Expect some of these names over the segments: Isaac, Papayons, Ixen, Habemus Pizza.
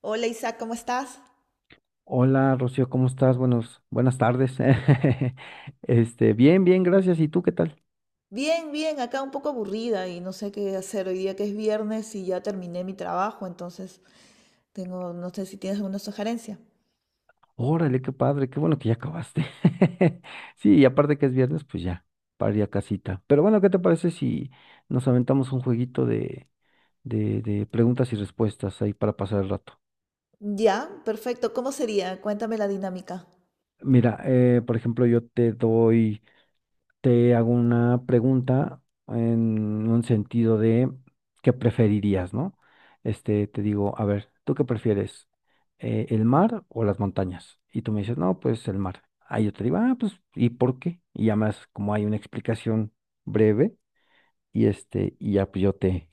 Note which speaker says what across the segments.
Speaker 1: Hola Isaac, ¿cómo estás?
Speaker 2: Hola, Rocío, ¿cómo estás? Buenas tardes. Bien, gracias. ¿Y tú qué tal?
Speaker 1: Bien, bien, acá un poco aburrida y no sé qué hacer hoy día que es viernes y ya terminé mi trabajo, entonces tengo, no sé si tienes alguna sugerencia.
Speaker 2: Órale, qué padre, qué bueno que ya acabaste. Sí, y aparte que es viernes, pues ya, para ir a casita. Pero bueno, ¿qué te parece si nos aventamos un jueguito de preguntas y respuestas ahí para pasar el rato?
Speaker 1: Ya, perfecto, ¿cómo sería? Cuéntame la dinámica.
Speaker 2: Mira, por ejemplo, yo te doy te hago una pregunta en un sentido de qué preferirías, ¿no? Te digo, a ver, ¿tú qué prefieres? ¿El mar o las montañas? Y tú me dices, no, pues el mar. Ahí yo te digo, ah, pues, ¿y por qué? Y ya más, como hay una explicación breve, y este, y ya pues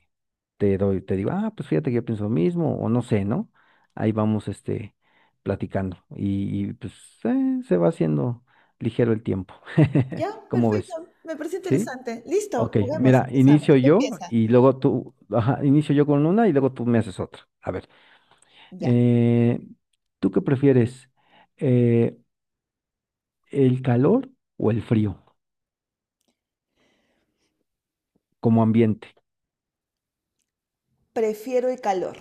Speaker 2: te doy, te digo, ah, pues fíjate que yo pienso lo mismo, o no sé, ¿no? Ahí vamos, este, platicando. Pues se va haciendo ligero el tiempo.
Speaker 1: Ya,
Speaker 2: ¿Cómo
Speaker 1: perfecto,
Speaker 2: ves?
Speaker 1: me parece
Speaker 2: ¿Sí?
Speaker 1: interesante. Listo,
Speaker 2: Ok,
Speaker 1: juguemos,
Speaker 2: mira,
Speaker 1: empezamos.
Speaker 2: inicio
Speaker 1: Tú
Speaker 2: yo
Speaker 1: empieza.
Speaker 2: y luego tú, ajá, inicio yo con una y luego tú me haces otra. A ver,
Speaker 1: Ya,
Speaker 2: eh, ¿tú qué prefieres? Eh, ¿El calor o el frío como ambiente?
Speaker 1: prefiero el calor.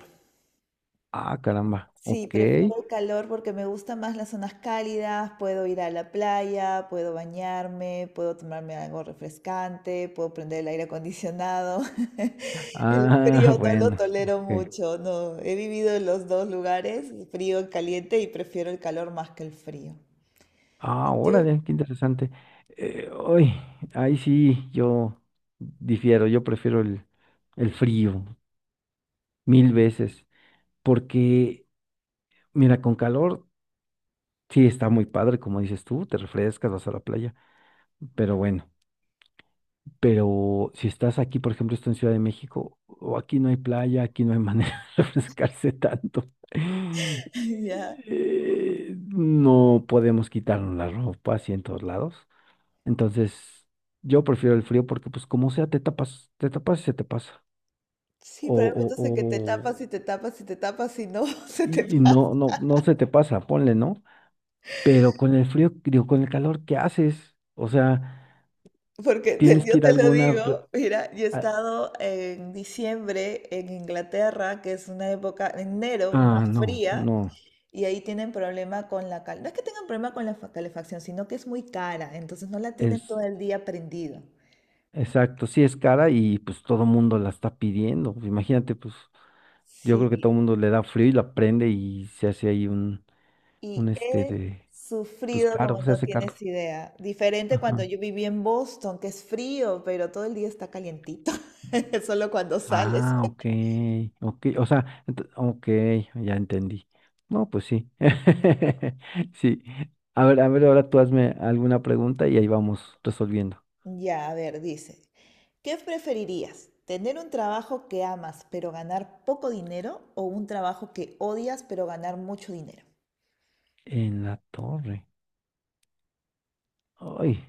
Speaker 2: Ah, caramba,
Speaker 1: Sí,
Speaker 2: ok.
Speaker 1: prefiero el calor porque me gustan más las zonas cálidas, puedo ir a la playa, puedo bañarme, puedo tomarme algo refrescante, puedo prender el aire acondicionado. El
Speaker 2: Ah,
Speaker 1: frío no lo
Speaker 2: bueno,
Speaker 1: tolero
Speaker 2: ok.
Speaker 1: mucho, no. He vivido en los dos lugares, frío y caliente, y prefiero el calor más que el frío.
Speaker 2: Ah,
Speaker 1: ¿Y tú?
Speaker 2: órale, qué interesante. Uy, ahí sí yo difiero, yo prefiero el frío mil veces, porque, mira, con calor. Sí, está muy padre, como dices tú, te refrescas, vas a la playa, pero bueno, pero si estás aquí, por ejemplo, estoy en Ciudad de México, o aquí no hay playa, aquí no hay manera de refrescarse tanto.
Speaker 1: Ya.
Speaker 2: No podemos quitarnos la ropa así en todos lados. Entonces, yo prefiero el frío porque, pues, como sea, te tapas y se te pasa.
Speaker 1: Sí,
Speaker 2: O,
Speaker 1: probablemente
Speaker 2: o,
Speaker 1: entonces que te
Speaker 2: o,
Speaker 1: tapas y te tapas y te tapas y no se te
Speaker 2: no, se te pasa, ponle, ¿no? Pero con el frío, digo, con el calor, ¿qué haces? O sea... Tienes
Speaker 1: Yo
Speaker 2: que ir a
Speaker 1: te lo
Speaker 2: alguna...
Speaker 1: digo, mira, yo he
Speaker 2: a-
Speaker 1: estado en diciembre en Inglaterra, que es una época, enero,
Speaker 2: ah,
Speaker 1: más
Speaker 2: no,
Speaker 1: fría,
Speaker 2: no,
Speaker 1: y ahí tienen problema con la cal. No es que tengan problema con la calefacción, sino que es muy cara, entonces no la tienen todo
Speaker 2: es
Speaker 1: el día prendida.
Speaker 2: exacto, sí es cara y pues todo mundo la está pidiendo. Imagínate, pues yo creo que
Speaker 1: Sí,
Speaker 2: todo mundo le da frío y la prende y se hace ahí un
Speaker 1: y
Speaker 2: este
Speaker 1: he
Speaker 2: de, pues
Speaker 1: sufrido como
Speaker 2: caro, se
Speaker 1: no
Speaker 2: hace caro.
Speaker 1: tienes idea. Diferente cuando
Speaker 2: Ajá.
Speaker 1: yo viví en Boston, que es frío, pero todo el día está calientito, solo cuando sales.
Speaker 2: Ah, ok, ok, o sea, ok, ya entendí. No, pues sí, sí. A ver, ahora tú hazme alguna pregunta y ahí vamos resolviendo.
Speaker 1: Ya, a ver, dice, ¿qué preferirías? ¿Tener un trabajo que amas pero ganar poco dinero o un trabajo que odias pero ganar mucho dinero?
Speaker 2: En la torre. Ay.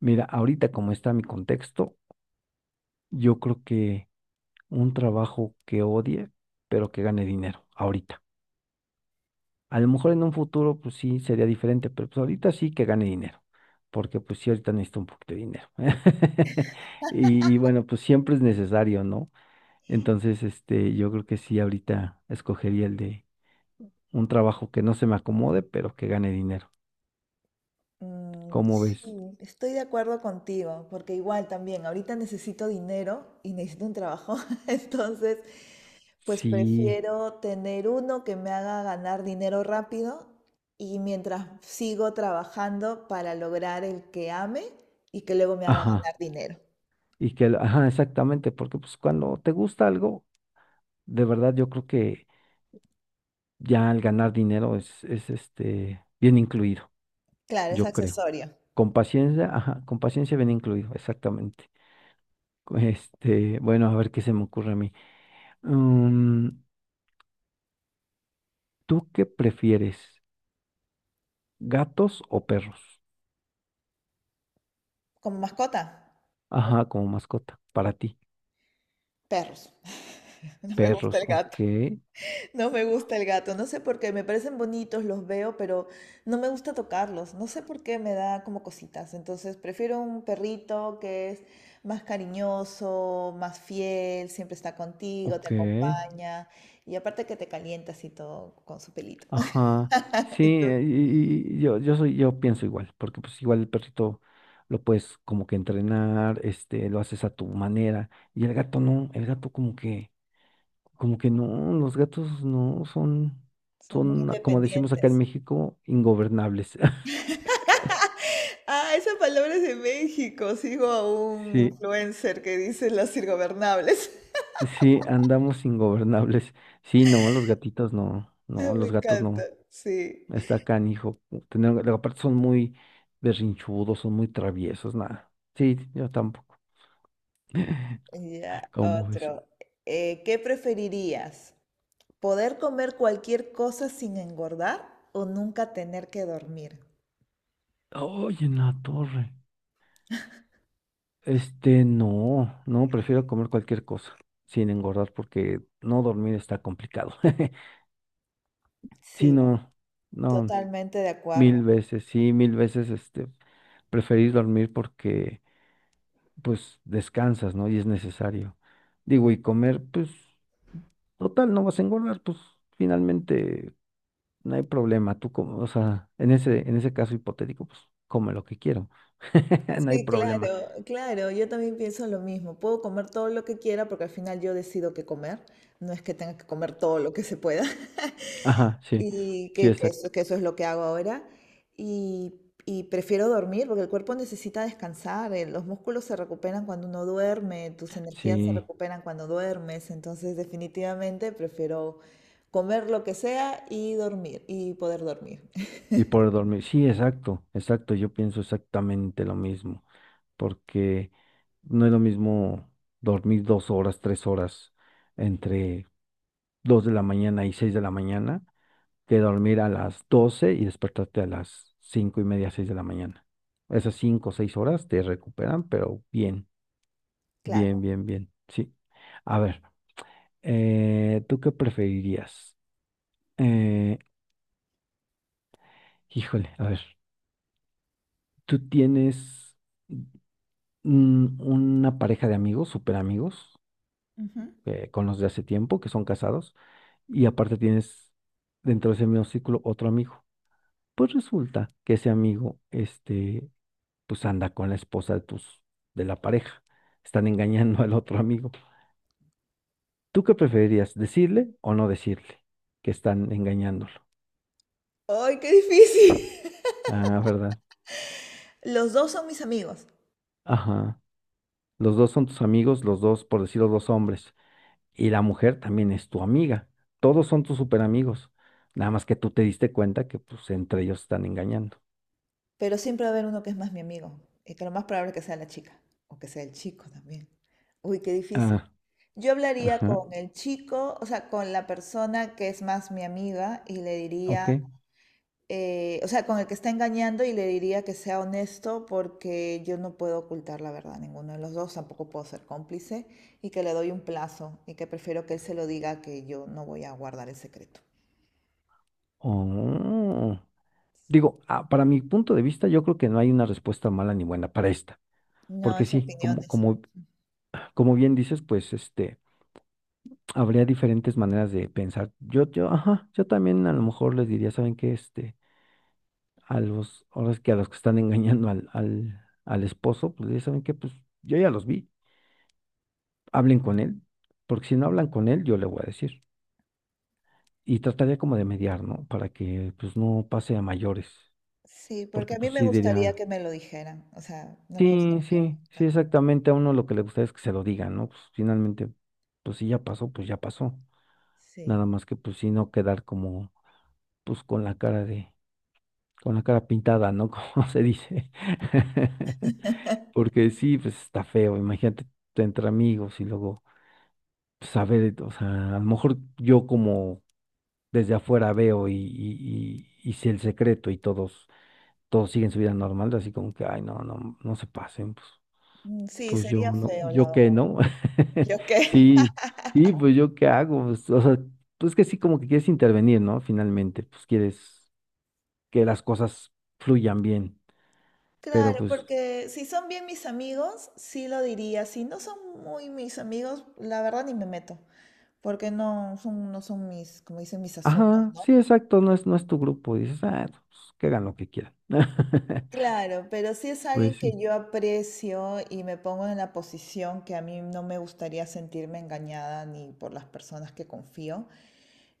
Speaker 2: Mira, ahorita como está mi contexto, yo creo que un trabajo que odie, pero que gane dinero, ahorita. A lo mejor en un futuro, pues sí, sería diferente, pero pues ahorita sí que gane dinero, porque pues sí, ahorita necesito un poquito de dinero. Bueno, pues siempre es necesario, ¿no? Entonces, este, yo creo que sí, ahorita escogería el de un trabajo que no se me acomode, pero que gane dinero.
Speaker 1: Mm,
Speaker 2: ¿Cómo
Speaker 1: sí,
Speaker 2: ves?
Speaker 1: estoy de acuerdo contigo, porque igual también ahorita necesito dinero y necesito un trabajo, entonces pues
Speaker 2: Sí,
Speaker 1: prefiero tener uno que me haga ganar dinero rápido y mientras sigo trabajando para lograr el que ame y que luego me haga
Speaker 2: ajá.
Speaker 1: ganar dinero.
Speaker 2: Ajá, exactamente, porque pues cuando te gusta algo de verdad, yo creo que ya al ganar dinero es este bien incluido,
Speaker 1: Claro, es
Speaker 2: yo creo.
Speaker 1: accesorio.
Speaker 2: Con paciencia, ajá, con paciencia bien incluido, exactamente. Este, bueno, a ver qué se me ocurre a mí. Mm, ¿tú qué prefieres? ¿Gatos o perros?
Speaker 1: Como mascota,
Speaker 2: Ajá, como mascota, para ti.
Speaker 1: perros. No me gusta
Speaker 2: Perros,
Speaker 1: el gato.
Speaker 2: ok,
Speaker 1: No me gusta el gato. No sé por qué. Me parecen bonitos, los veo, pero no me gusta tocarlos. No sé por qué me da como cositas. Entonces prefiero un perrito que es más cariñoso, más fiel, siempre está contigo, te
Speaker 2: ok.
Speaker 1: acompaña. Y aparte que te calientas y todo con su pelito.
Speaker 2: Ajá, sí,
Speaker 1: Entonces,
Speaker 2: yo soy, yo pienso igual, porque pues igual el perrito lo puedes como que entrenar, este, lo haces a tu manera, y el gato no, el gato como que no, los gatos no son,
Speaker 1: son muy
Speaker 2: son, ah, como decimos acá en
Speaker 1: independientes.
Speaker 2: México, ingobernables.
Speaker 1: Ah, esa palabra es de México. Sigo a un
Speaker 2: Sí,
Speaker 1: influencer que dice las irgobernables.
Speaker 2: sí, andamos ingobernables. Sí, no, los gatitos no,
Speaker 1: Ay,
Speaker 2: no,
Speaker 1: me
Speaker 2: los gatos
Speaker 1: encanta,
Speaker 2: no.
Speaker 1: sí.
Speaker 2: Está canijo. Tener, luego aparte son muy berrinchudos, son muy traviesos, nada. Sí, yo tampoco.
Speaker 1: Ya,
Speaker 2: ¿Cómo ves?
Speaker 1: otro. ¿Qué preferirías? ¿Poder comer cualquier cosa sin engordar o nunca tener que dormir?
Speaker 2: Oye, ¡en la torre! Este, no, no, prefiero comer cualquier cosa sin engordar porque no dormir está complicado. Sí,
Speaker 1: Sí,
Speaker 2: no, no,
Speaker 1: totalmente de
Speaker 2: mil
Speaker 1: acuerdo.
Speaker 2: veces, sí, mil veces, este, preferís dormir porque, pues, descansas, ¿no? Y es necesario. Digo, y comer, pues, total, no vas a engordar, pues, finalmente no hay problema. Tú, como, o sea, en ese caso hipotético, pues, come lo que quiero. No hay
Speaker 1: Sí,
Speaker 2: problema.
Speaker 1: claro, claro, yo también pienso lo mismo. Puedo comer todo lo que quiera porque al final yo decido qué comer. No es que tenga que comer todo lo que se pueda.
Speaker 2: Ajá, sí,
Speaker 1: Y
Speaker 2: sí, exacto.
Speaker 1: que eso es lo que hago ahora. Y, y prefiero dormir porque el cuerpo necesita descansar. Los músculos se recuperan cuando uno duerme, tus energías se
Speaker 2: Sí,
Speaker 1: recuperan cuando duermes. Entonces, definitivamente prefiero comer lo que sea y dormir y poder dormir.
Speaker 2: y por dormir. Sí, exacto, exacto. Yo pienso exactamente lo mismo, porque no es lo mismo dormir dos horas, tres horas entre dos de la mañana y seis de la mañana que dormir a las doce y despertarte a las cinco y media, seis de la mañana. Esas cinco o seis horas te recuperan, pero bien,
Speaker 1: Claro.
Speaker 2: bien. Sí. A ver, ¿tú qué preferirías? Eh, híjole, a ver. ¿Tú tienes mm, una pareja de amigos, súper amigos,
Speaker 1: Ujú.
Speaker 2: con los de hace tiempo, que son casados, y aparte tienes dentro de ese mismo círculo otro amigo? Pues resulta que ese amigo, este, pues anda con la esposa de tus, de la pareja. Están engañando al otro amigo. ¿Tú qué preferirías, decirle o no decirle que están engañándolo?
Speaker 1: ¡Ay, qué difícil!
Speaker 2: Ah, ¿verdad?
Speaker 1: Los dos son mis amigos,
Speaker 2: Ajá. Los dos son tus amigos, los dos, por decirlo, dos hombres, y la mujer también es tu amiga. Todos son tus super amigos. Nada más que tú te diste cuenta que pues entre ellos están engañando.
Speaker 1: pero siempre va a haber uno que es más mi amigo. Y que lo más probable es que sea la chica o que sea el chico también. Uy, qué difícil.
Speaker 2: Ah,
Speaker 1: Yo hablaría
Speaker 2: ajá,
Speaker 1: con el chico, o sea, con la persona que es más mi amiga y le diría,
Speaker 2: ok.
Speaker 1: o sea, con el que está engañando y le diría que sea honesto porque yo no puedo ocultar la verdad a ninguno de los dos, tampoco puedo ser cómplice y que le doy un plazo y que prefiero que él se lo diga que yo no voy a guardar el secreto.
Speaker 2: Oh.
Speaker 1: Sí.
Speaker 2: Digo, ah, para mi punto de vista, yo creo que no hay una respuesta mala ni buena para esta.
Speaker 1: No,
Speaker 2: Porque
Speaker 1: es
Speaker 2: sí,
Speaker 1: opiniones.
Speaker 2: como bien dices, pues este, habría diferentes maneras de pensar. Ajá, yo también a lo mejor les diría, ¿saben qué? Este, ahora es que a los que están engañando al esposo, pues ya saben que pues yo ya los vi, hablen con él, porque si no hablan con él, yo le voy a decir. Y trataría como de mediar, ¿no? Para que pues no pase a mayores,
Speaker 1: Sí, porque
Speaker 2: porque
Speaker 1: a mí
Speaker 2: pues
Speaker 1: me
Speaker 2: sí
Speaker 1: gustaría
Speaker 2: diría,
Speaker 1: que me lo dijeran, o sea, no me
Speaker 2: sí,
Speaker 1: gustaría que me lo ocultaran.
Speaker 2: exactamente, a uno lo que le gusta es que se lo digan, ¿no? Pues finalmente, pues si ya pasó, pues ya pasó.
Speaker 1: Sí,
Speaker 2: Nada más que pues sí no quedar como, pues con la cara de, con la cara pintada, ¿no? Como se dice. Porque sí, pues está feo, imagínate entre amigos y luego saber, o sea, a lo mejor yo como desde afuera veo y sé el secreto y todos, todos siguen su vida normal, así como que, ay, no, no se pasen, pues,
Speaker 1: mm, sí,
Speaker 2: pues yo
Speaker 1: sería
Speaker 2: no,
Speaker 1: feo, la
Speaker 2: yo qué,
Speaker 1: verdad.
Speaker 2: ¿no?
Speaker 1: ¿Yo qué?
Speaker 2: Sí, sí, pues yo qué hago, pues, o sea, pues que sí, como que quieres intervenir, ¿no? Finalmente, pues quieres que las cosas fluyan bien, pero
Speaker 1: Claro,
Speaker 2: pues,
Speaker 1: porque si son bien mis amigos, sí lo diría. Si no son muy mis amigos, la verdad ni me meto, porque no son, no son mis, como dicen, mis asuntos,
Speaker 2: ajá,
Speaker 1: ¿no?
Speaker 2: sí, exacto, no es tu grupo, dices, ah, pues que hagan lo que quieran.
Speaker 1: Claro, pero si es alguien
Speaker 2: Pues
Speaker 1: que
Speaker 2: sí,
Speaker 1: yo aprecio y me pongo en la posición que a mí no me gustaría sentirme engañada ni por las personas que confío,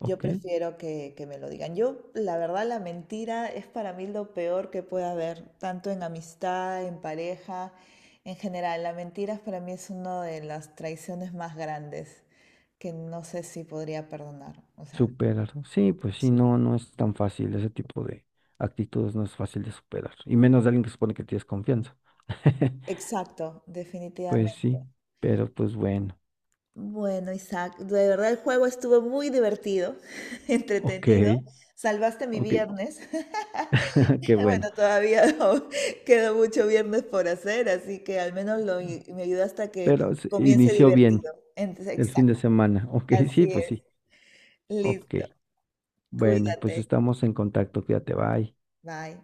Speaker 1: yo prefiero que me lo digan. Yo, la verdad, la mentira es para mí lo peor que puede haber, tanto en amistad, en pareja, en general. La mentira para mí es una de las traiciones más grandes que no sé si podría perdonar. O sea,
Speaker 2: Superar. ¿No? Sí, pues sí,
Speaker 1: sí.
Speaker 2: no, no es tan fácil. Ese tipo de actitudes no es fácil de superar. Y menos de alguien que supone que tienes confianza.
Speaker 1: Exacto,
Speaker 2: Pues
Speaker 1: definitivamente.
Speaker 2: sí, pero pues bueno.
Speaker 1: Bueno, Isaac, de verdad el juego estuvo muy divertido,
Speaker 2: Ok,
Speaker 1: entretenido. Salvaste mi
Speaker 2: ok,
Speaker 1: viernes.
Speaker 2: qué bueno.
Speaker 1: Bueno, todavía no, queda mucho viernes por hacer, así que al menos lo, me ayuda hasta que
Speaker 2: Pero se
Speaker 1: comience
Speaker 2: inició
Speaker 1: divertido.
Speaker 2: bien
Speaker 1: Entonces,
Speaker 2: el fin de
Speaker 1: exacto,
Speaker 2: semana. Ok, sí,
Speaker 1: así
Speaker 2: pues
Speaker 1: es.
Speaker 2: sí. Ok.
Speaker 1: Listo.
Speaker 2: Bueno, pues
Speaker 1: Cuídate.
Speaker 2: estamos en contacto. Cuídate, bye.
Speaker 1: Bye.